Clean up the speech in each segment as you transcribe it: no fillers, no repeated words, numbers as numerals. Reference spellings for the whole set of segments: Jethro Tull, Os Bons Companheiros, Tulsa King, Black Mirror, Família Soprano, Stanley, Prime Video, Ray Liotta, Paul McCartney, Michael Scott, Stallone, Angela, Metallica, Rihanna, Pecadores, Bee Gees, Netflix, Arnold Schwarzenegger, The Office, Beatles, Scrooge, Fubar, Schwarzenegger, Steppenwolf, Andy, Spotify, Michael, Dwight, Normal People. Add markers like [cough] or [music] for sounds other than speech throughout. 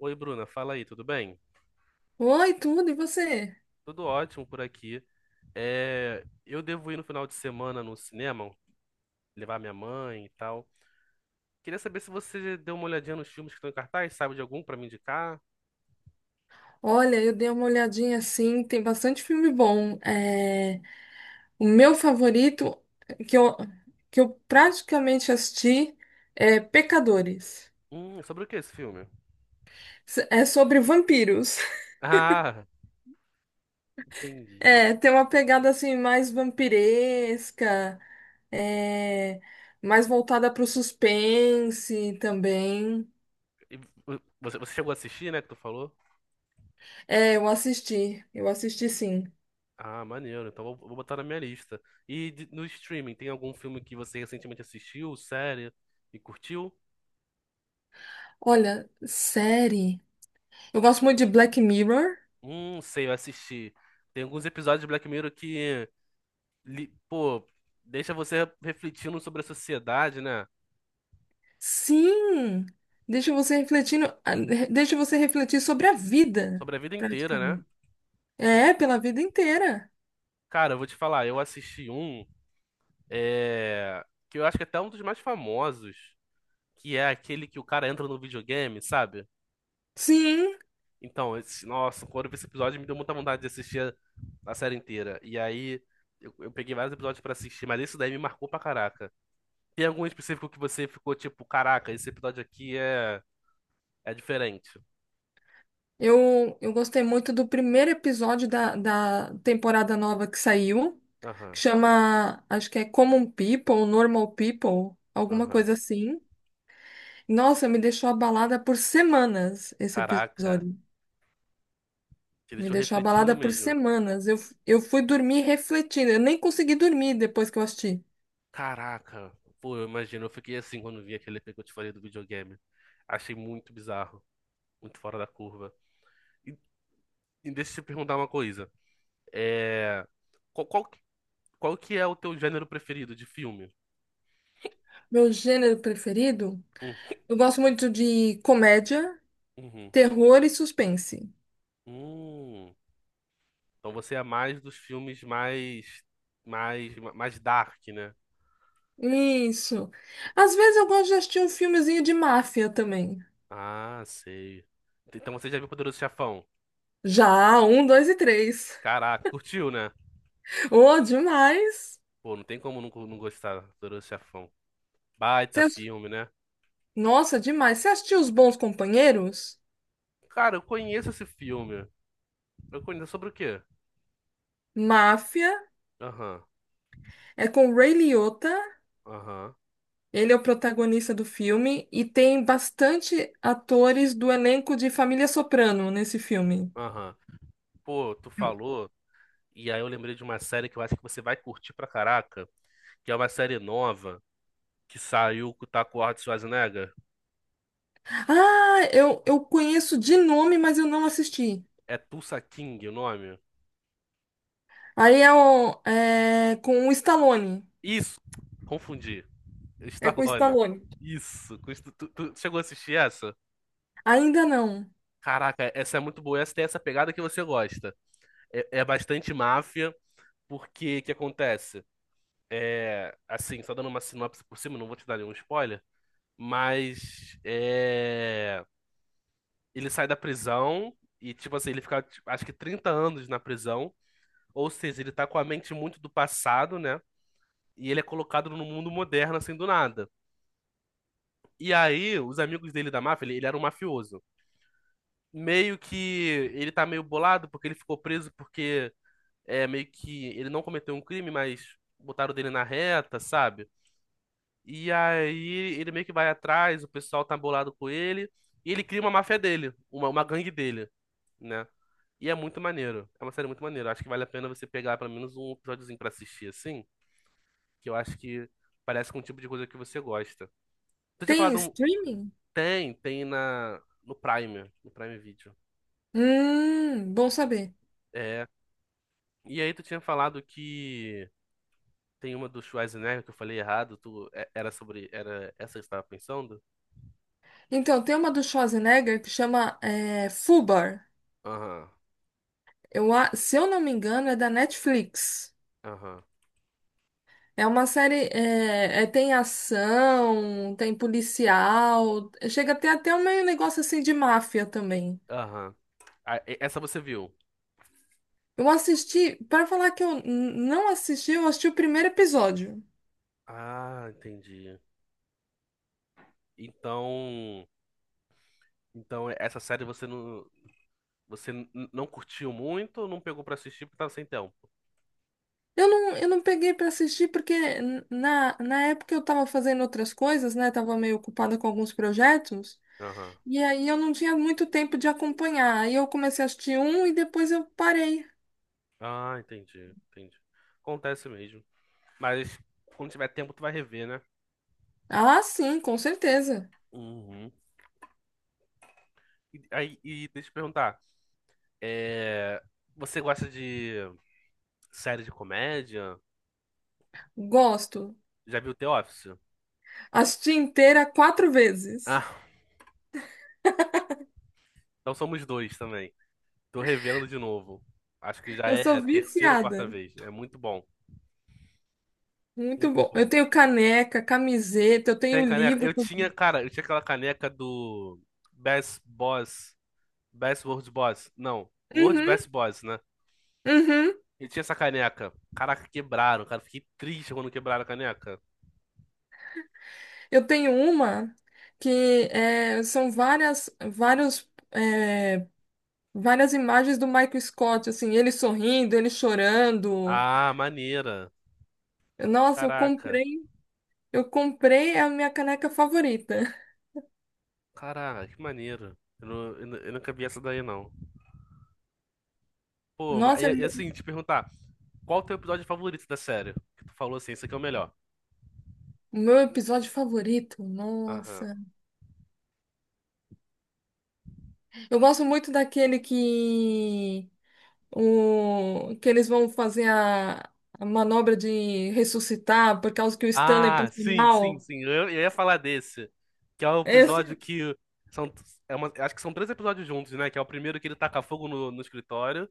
Oi, Bruna, fala aí, tudo bem? Oi, tudo, e você? Tudo ótimo por aqui. É, eu devo ir no final de semana no cinema, levar minha mãe e tal. Queria saber se você deu uma olhadinha nos filmes que estão em cartaz, sabe de algum pra me indicar? Olha, eu dei uma olhadinha assim, tem bastante filme bom. O meu favorito, que eu, que eu praticamente assisti, é Pecadores. Sobre o que é esse filme? [laughs] É sobre vampiros. [laughs] Ah, entendi. É, tem uma pegada assim mais vampiresca, é, mais voltada para o suspense também. E você chegou a assistir, né, que tu falou? Eu assisti, sim. Ah, maneiro, então vou botar na minha lista. E no streaming, tem algum filme que você recentemente assistiu, série, e curtiu? Olha, série. Eu gosto muito de Black Mirror. Sei, eu assisti. Tem alguns episódios de Black Mirror que pô, deixa você refletindo sobre a sociedade, né? Sim, deixa você deixa você refletir sobre a vida, Sobre a vida inteira, né? praticamente. É, pela vida inteira. Cara, eu vou te falar, eu assisti um, que eu acho que é até um dos mais famosos, que é aquele que o cara entra no videogame, sabe? Sim, Então, nossa, quando eu vi esse episódio, me deu muita vontade de assistir a série inteira. E aí, eu peguei vários episódios pra assistir, mas esse daí me marcou pra caraca. Tem algum específico que você ficou tipo, caraca, esse episódio aqui é diferente? eu gostei muito do primeiro episódio da temporada nova que saiu, que Aham, chama, acho que é Common People, Normal People, alguma aham. coisa assim. Nossa, me deixou abalada por semanas esse Caraca. episódio. Te Me deixou deixou refletindo abalada por mesmo. semanas. Eu fui dormir refletindo. Eu nem consegui dormir depois que eu assisti. Caraca, pô, eu imagino, eu fiquei assim quando vi aquele EP que eu te falei do videogame. Achei muito bizarro, muito fora da curva. E, e deixa eu te perguntar uma coisa. É, qual, qual, que- qual que é o teu gênero preferido de filme? Meu gênero preferido? Hum, Eu gosto muito de comédia, uhum, terror e suspense. hum. Então você é mais dos filmes mais dark, né? Isso. Às vezes eu gosto de assistir um filmezinho de máfia também. Ah, sei. Então você já viu Poderoso Chefão? Já, um, dois e três. [laughs] Caraca, curtiu, né? Oh, demais! Pô, não tem como não gostar do Poderoso Chefão. Você Baita ass- filme, né? Nossa, demais. Você assistiu Os Bons Companheiros? Cara, eu conheço esse filme. Eu conheço sobre o quê? Máfia Aham, é com o Ray Liotta. aham, Ele é o protagonista do filme e tem bastante atores do elenco de Família Soprano nesse filme. aham. Pô, tu falou, e aí eu lembrei de uma série que eu acho que você vai curtir pra caraca, que é uma série nova que saiu com o Taco Arnold Schwarzenegger. Ah, eu conheço de nome, mas eu não assisti. É Tulsa King o nome? É com o Stallone. Isso! Confundi. [laughs] É com o Stallone. Stallone. Isso. Tu chegou a assistir essa? Ainda não. Caraca, essa é muito boa. Essa tem essa pegada que você gosta. É bastante máfia, porque o que acontece? É, assim, só dando uma sinopse por cima, não vou te dar nenhum spoiler, mas ele sai da prisão e, tipo assim, ele fica, tipo, acho que 30 anos na prisão, ou seja, ele tá com a mente muito do passado, né? E ele é colocado no mundo moderno, assim, do nada. E aí, os amigos dele da máfia, ele era um mafioso. Meio que ele tá meio bolado porque ele ficou preso porque é meio que ele não cometeu um crime, mas botaram dele na reta, sabe? E aí ele meio que vai atrás, o pessoal tá bolado com ele, e ele cria uma máfia dele, uma gangue dele, né? E é muito maneiro. É uma série muito maneira. Acho que vale a pena você pegar pelo menos um episódiozinho pra assistir, assim, que eu acho que parece com o tipo de coisa que você gosta. Tu tinha Tem falado um. streaming? Tem no Prime, no Prime Video. Bom saber. É. E aí tu tinha falado que tem uma do Schwarzenegger que eu falei errado, tu... é- era sobre... Era essa que você tava pensando? Então, tem uma do Schwarzenegger que chama Fubar. Aham, Se eu não me engano, é da Netflix. aham, É uma série, tem ação, tem policial, chega a ter até um meio negócio assim de máfia também. aham. Ah, essa você viu? Eu assisti, para falar que eu não assisti, eu assisti o primeiro episódio. Ah, entendi. Então, então essa série você não, você n- não curtiu muito, não pegou pra assistir porque tava sem tempo. Eu não peguei para assistir porque na época eu tava fazendo outras coisas, né? Tava meio ocupada com alguns projetos. Aham. E aí eu não tinha muito tempo de acompanhar. Aí eu comecei a assistir um e depois eu parei. Ah, entendi, entendi. Acontece mesmo. Mas quando tiver tempo tu vai rever, né? Ah, sim, com certeza. Uhum. E aí, deixa eu te perguntar, é, você gosta de série de comédia? Gosto. Já viu The Office? Assisti inteira quatro vezes. Ah, então somos dois também. Tô revendo de novo. Acho que já Eu é sou a terceira ou quarta viciada. vez. É muito bom. Muito Muito bom. Eu bom. tenho caneca, camiseta, eu Tem tenho caneca? livro. Eu tinha, cara, eu tinha aquela caneca do Best Boss. Best World Boss. Não, World Uhum, Best Boss, né? uhum. Eu tinha essa caneca. Caraca, quebraram, cara. Fiquei triste quando quebraram a caneca. Eu tenho uma que são várias imagens do Michael Scott, assim, ele sorrindo, ele chorando. Ah, maneira. Nossa, eu Caraca. comprei, eu comprei é a minha caneca favorita. Caraca, que maneiro. Eu, não, eu, nu- eu nunca vi essa daí, não. Pô, mas, Nossa, é e o assim, te perguntar, qual o teu episódio favorito da série? Que tu falou assim, esse aqui é o melhor. meu episódio favorito. Aham. Nossa. Eu gosto muito daquele que o que eles vão fazer a manobra de ressuscitar por causa que o Stanley Ah, passou sim, sim, mal. sim. Eu ia falar desse. Que é o episódio Esse, que. São, acho que são três episódios juntos, né? Que é o primeiro que ele taca fogo no escritório.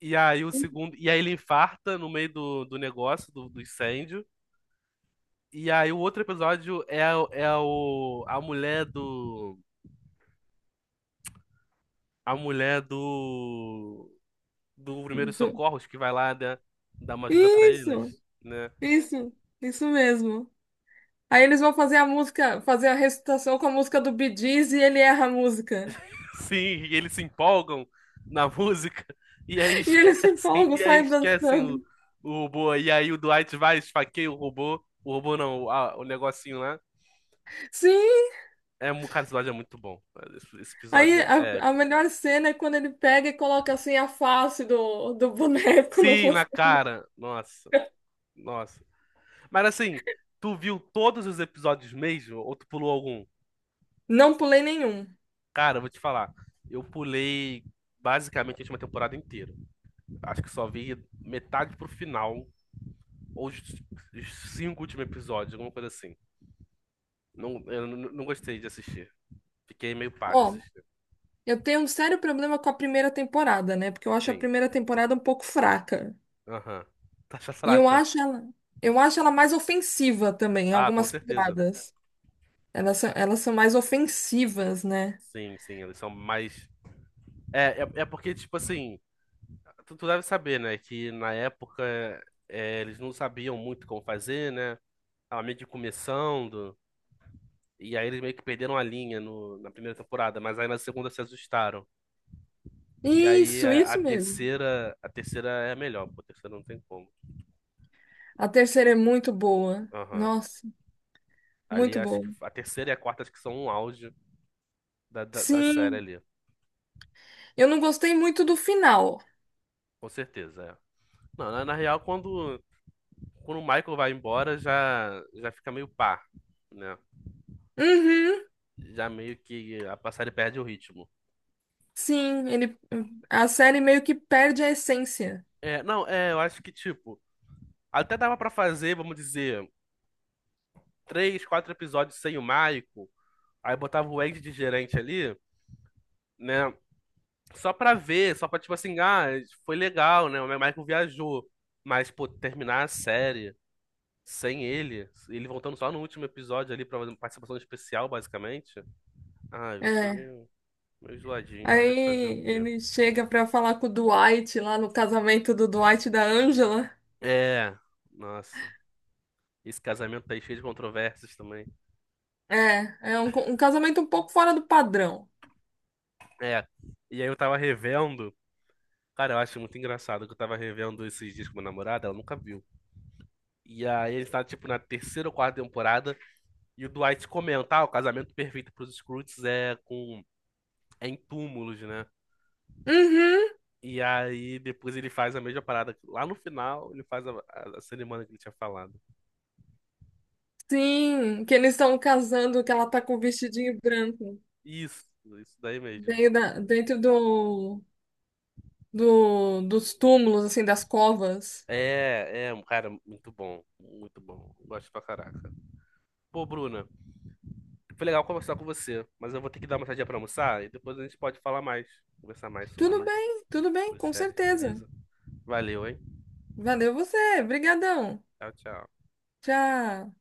E aí o é segundo. E aí ele infarta no meio do negócio, do incêndio. E aí o outro episódio é a mulher do. A mulher do. Do Primeiros do- Socorros que vai lá né, dar uma ajuda pra eles, isso. né? Isso, isso mesmo. Aí eles vão fazer a música, fazer a recitação com a música do Bee Gees e ele erra a música. Sim, e eles se empolgam na música e aí E ele se esquecem, empolga, sai o, dançando. o robô. E aí o Dwight vai, esfaqueia o robô. O robô não, o negocinho lá. Sim! É, cara, esse episódio é muito bom. Esse episódio Aí é a épico. melhor cena é quando ele pega e coloca assim a face do boneco no Sim, na rosto. cara. Nossa, nossa. Mas assim, tu viu todos os episódios mesmo? Ou tu pulou algum? Não pulei nenhum. Cara, eu vou te falar. Eu pulei basicamente a última temporada inteira. Acho que só vi metade pro final, ou os 5 últimos episódios, alguma coisa assim. Não, eu não gostei de assistir. Fiquei meio pá de Ó, assistir. eu tenho um sério problema com a primeira temporada, né? Porque eu acho a Sim, primeira temporada um pouco fraca. aham. Taxa [laughs] E eu fraca. acho ela, eu acho ela mais ofensiva também, em Ah, com algumas certeza. piadas. Elas são mais ofensivas, né? Sim, sim, eles são mais. É porque, tipo assim, tu deve saber, né, que na época eles não sabiam muito como fazer, né? Tava meio que começando. E aí eles meio que perderam a linha no, na primeira temporada, mas aí na segunda se ajustaram. E aí Isso, a isso mesmo. terceira é a melhor, pô, a terceira não tem como. A terceira é muito boa. Aham. Nossa, Ali muito acho boa. que a terceira e a quarta acho que são um auge da série Sim, ali. eu não gostei muito do final. Com certeza, é. Não, na real, quando o Michael vai embora, já fica meio pá, né? Uhum, Já meio que a série perde o ritmo. sim, a série meio que perde a essência. É, não, é, eu acho que, tipo, até dava pra fazer, vamos dizer, três, quatro episódios sem o Michael, aí botava o Andy de gerente ali, né? Só pra ver, só pra, tipo assim, ah, foi legal, né? O Michael viajou. Mas, pô, terminar a série sem ele, ele voltando só no último episódio ali pra fazer uma participação especial, basicamente. Ah, eu achei É. meio, meio zoadinho, mas fazer o Aí quê? ele chega pra falar com o Dwight lá no casamento do Dwight e da Angela. É, nossa. Esse casamento tá aí cheio de controvérsias também. Um casamento um pouco fora do padrão. É, e aí eu tava revendo. Cara, eu acho muito engraçado que eu tava revendo esses dias com minha namorada, ela nunca viu. E aí ele tá, tipo, na terceira ou quarta temporada, e o Dwight comenta, ah, o casamento perfeito pros Scrooge é em túmulos, né? Uhum, E aí depois ele faz a mesma parada. Lá no final, ele faz a cerimônia que ele tinha falado. sim, que eles estão casando, que ela tá com o vestidinho branco. Isso, isso daí mesmo. Dentro dos túmulos, assim, das covas. Um cara, muito bom. Muito bom. Gosto pra caraca. Pô, Bruna, foi legal conversar com você, mas eu vou ter que dar uma saidinha pra almoçar e depois a gente pode falar mais, conversar mais sobre isso, Tudo bem, sobre com séries, certeza. beleza? Valeu, hein? Valeu você, brigadão. Tchau, tchau. Tchau.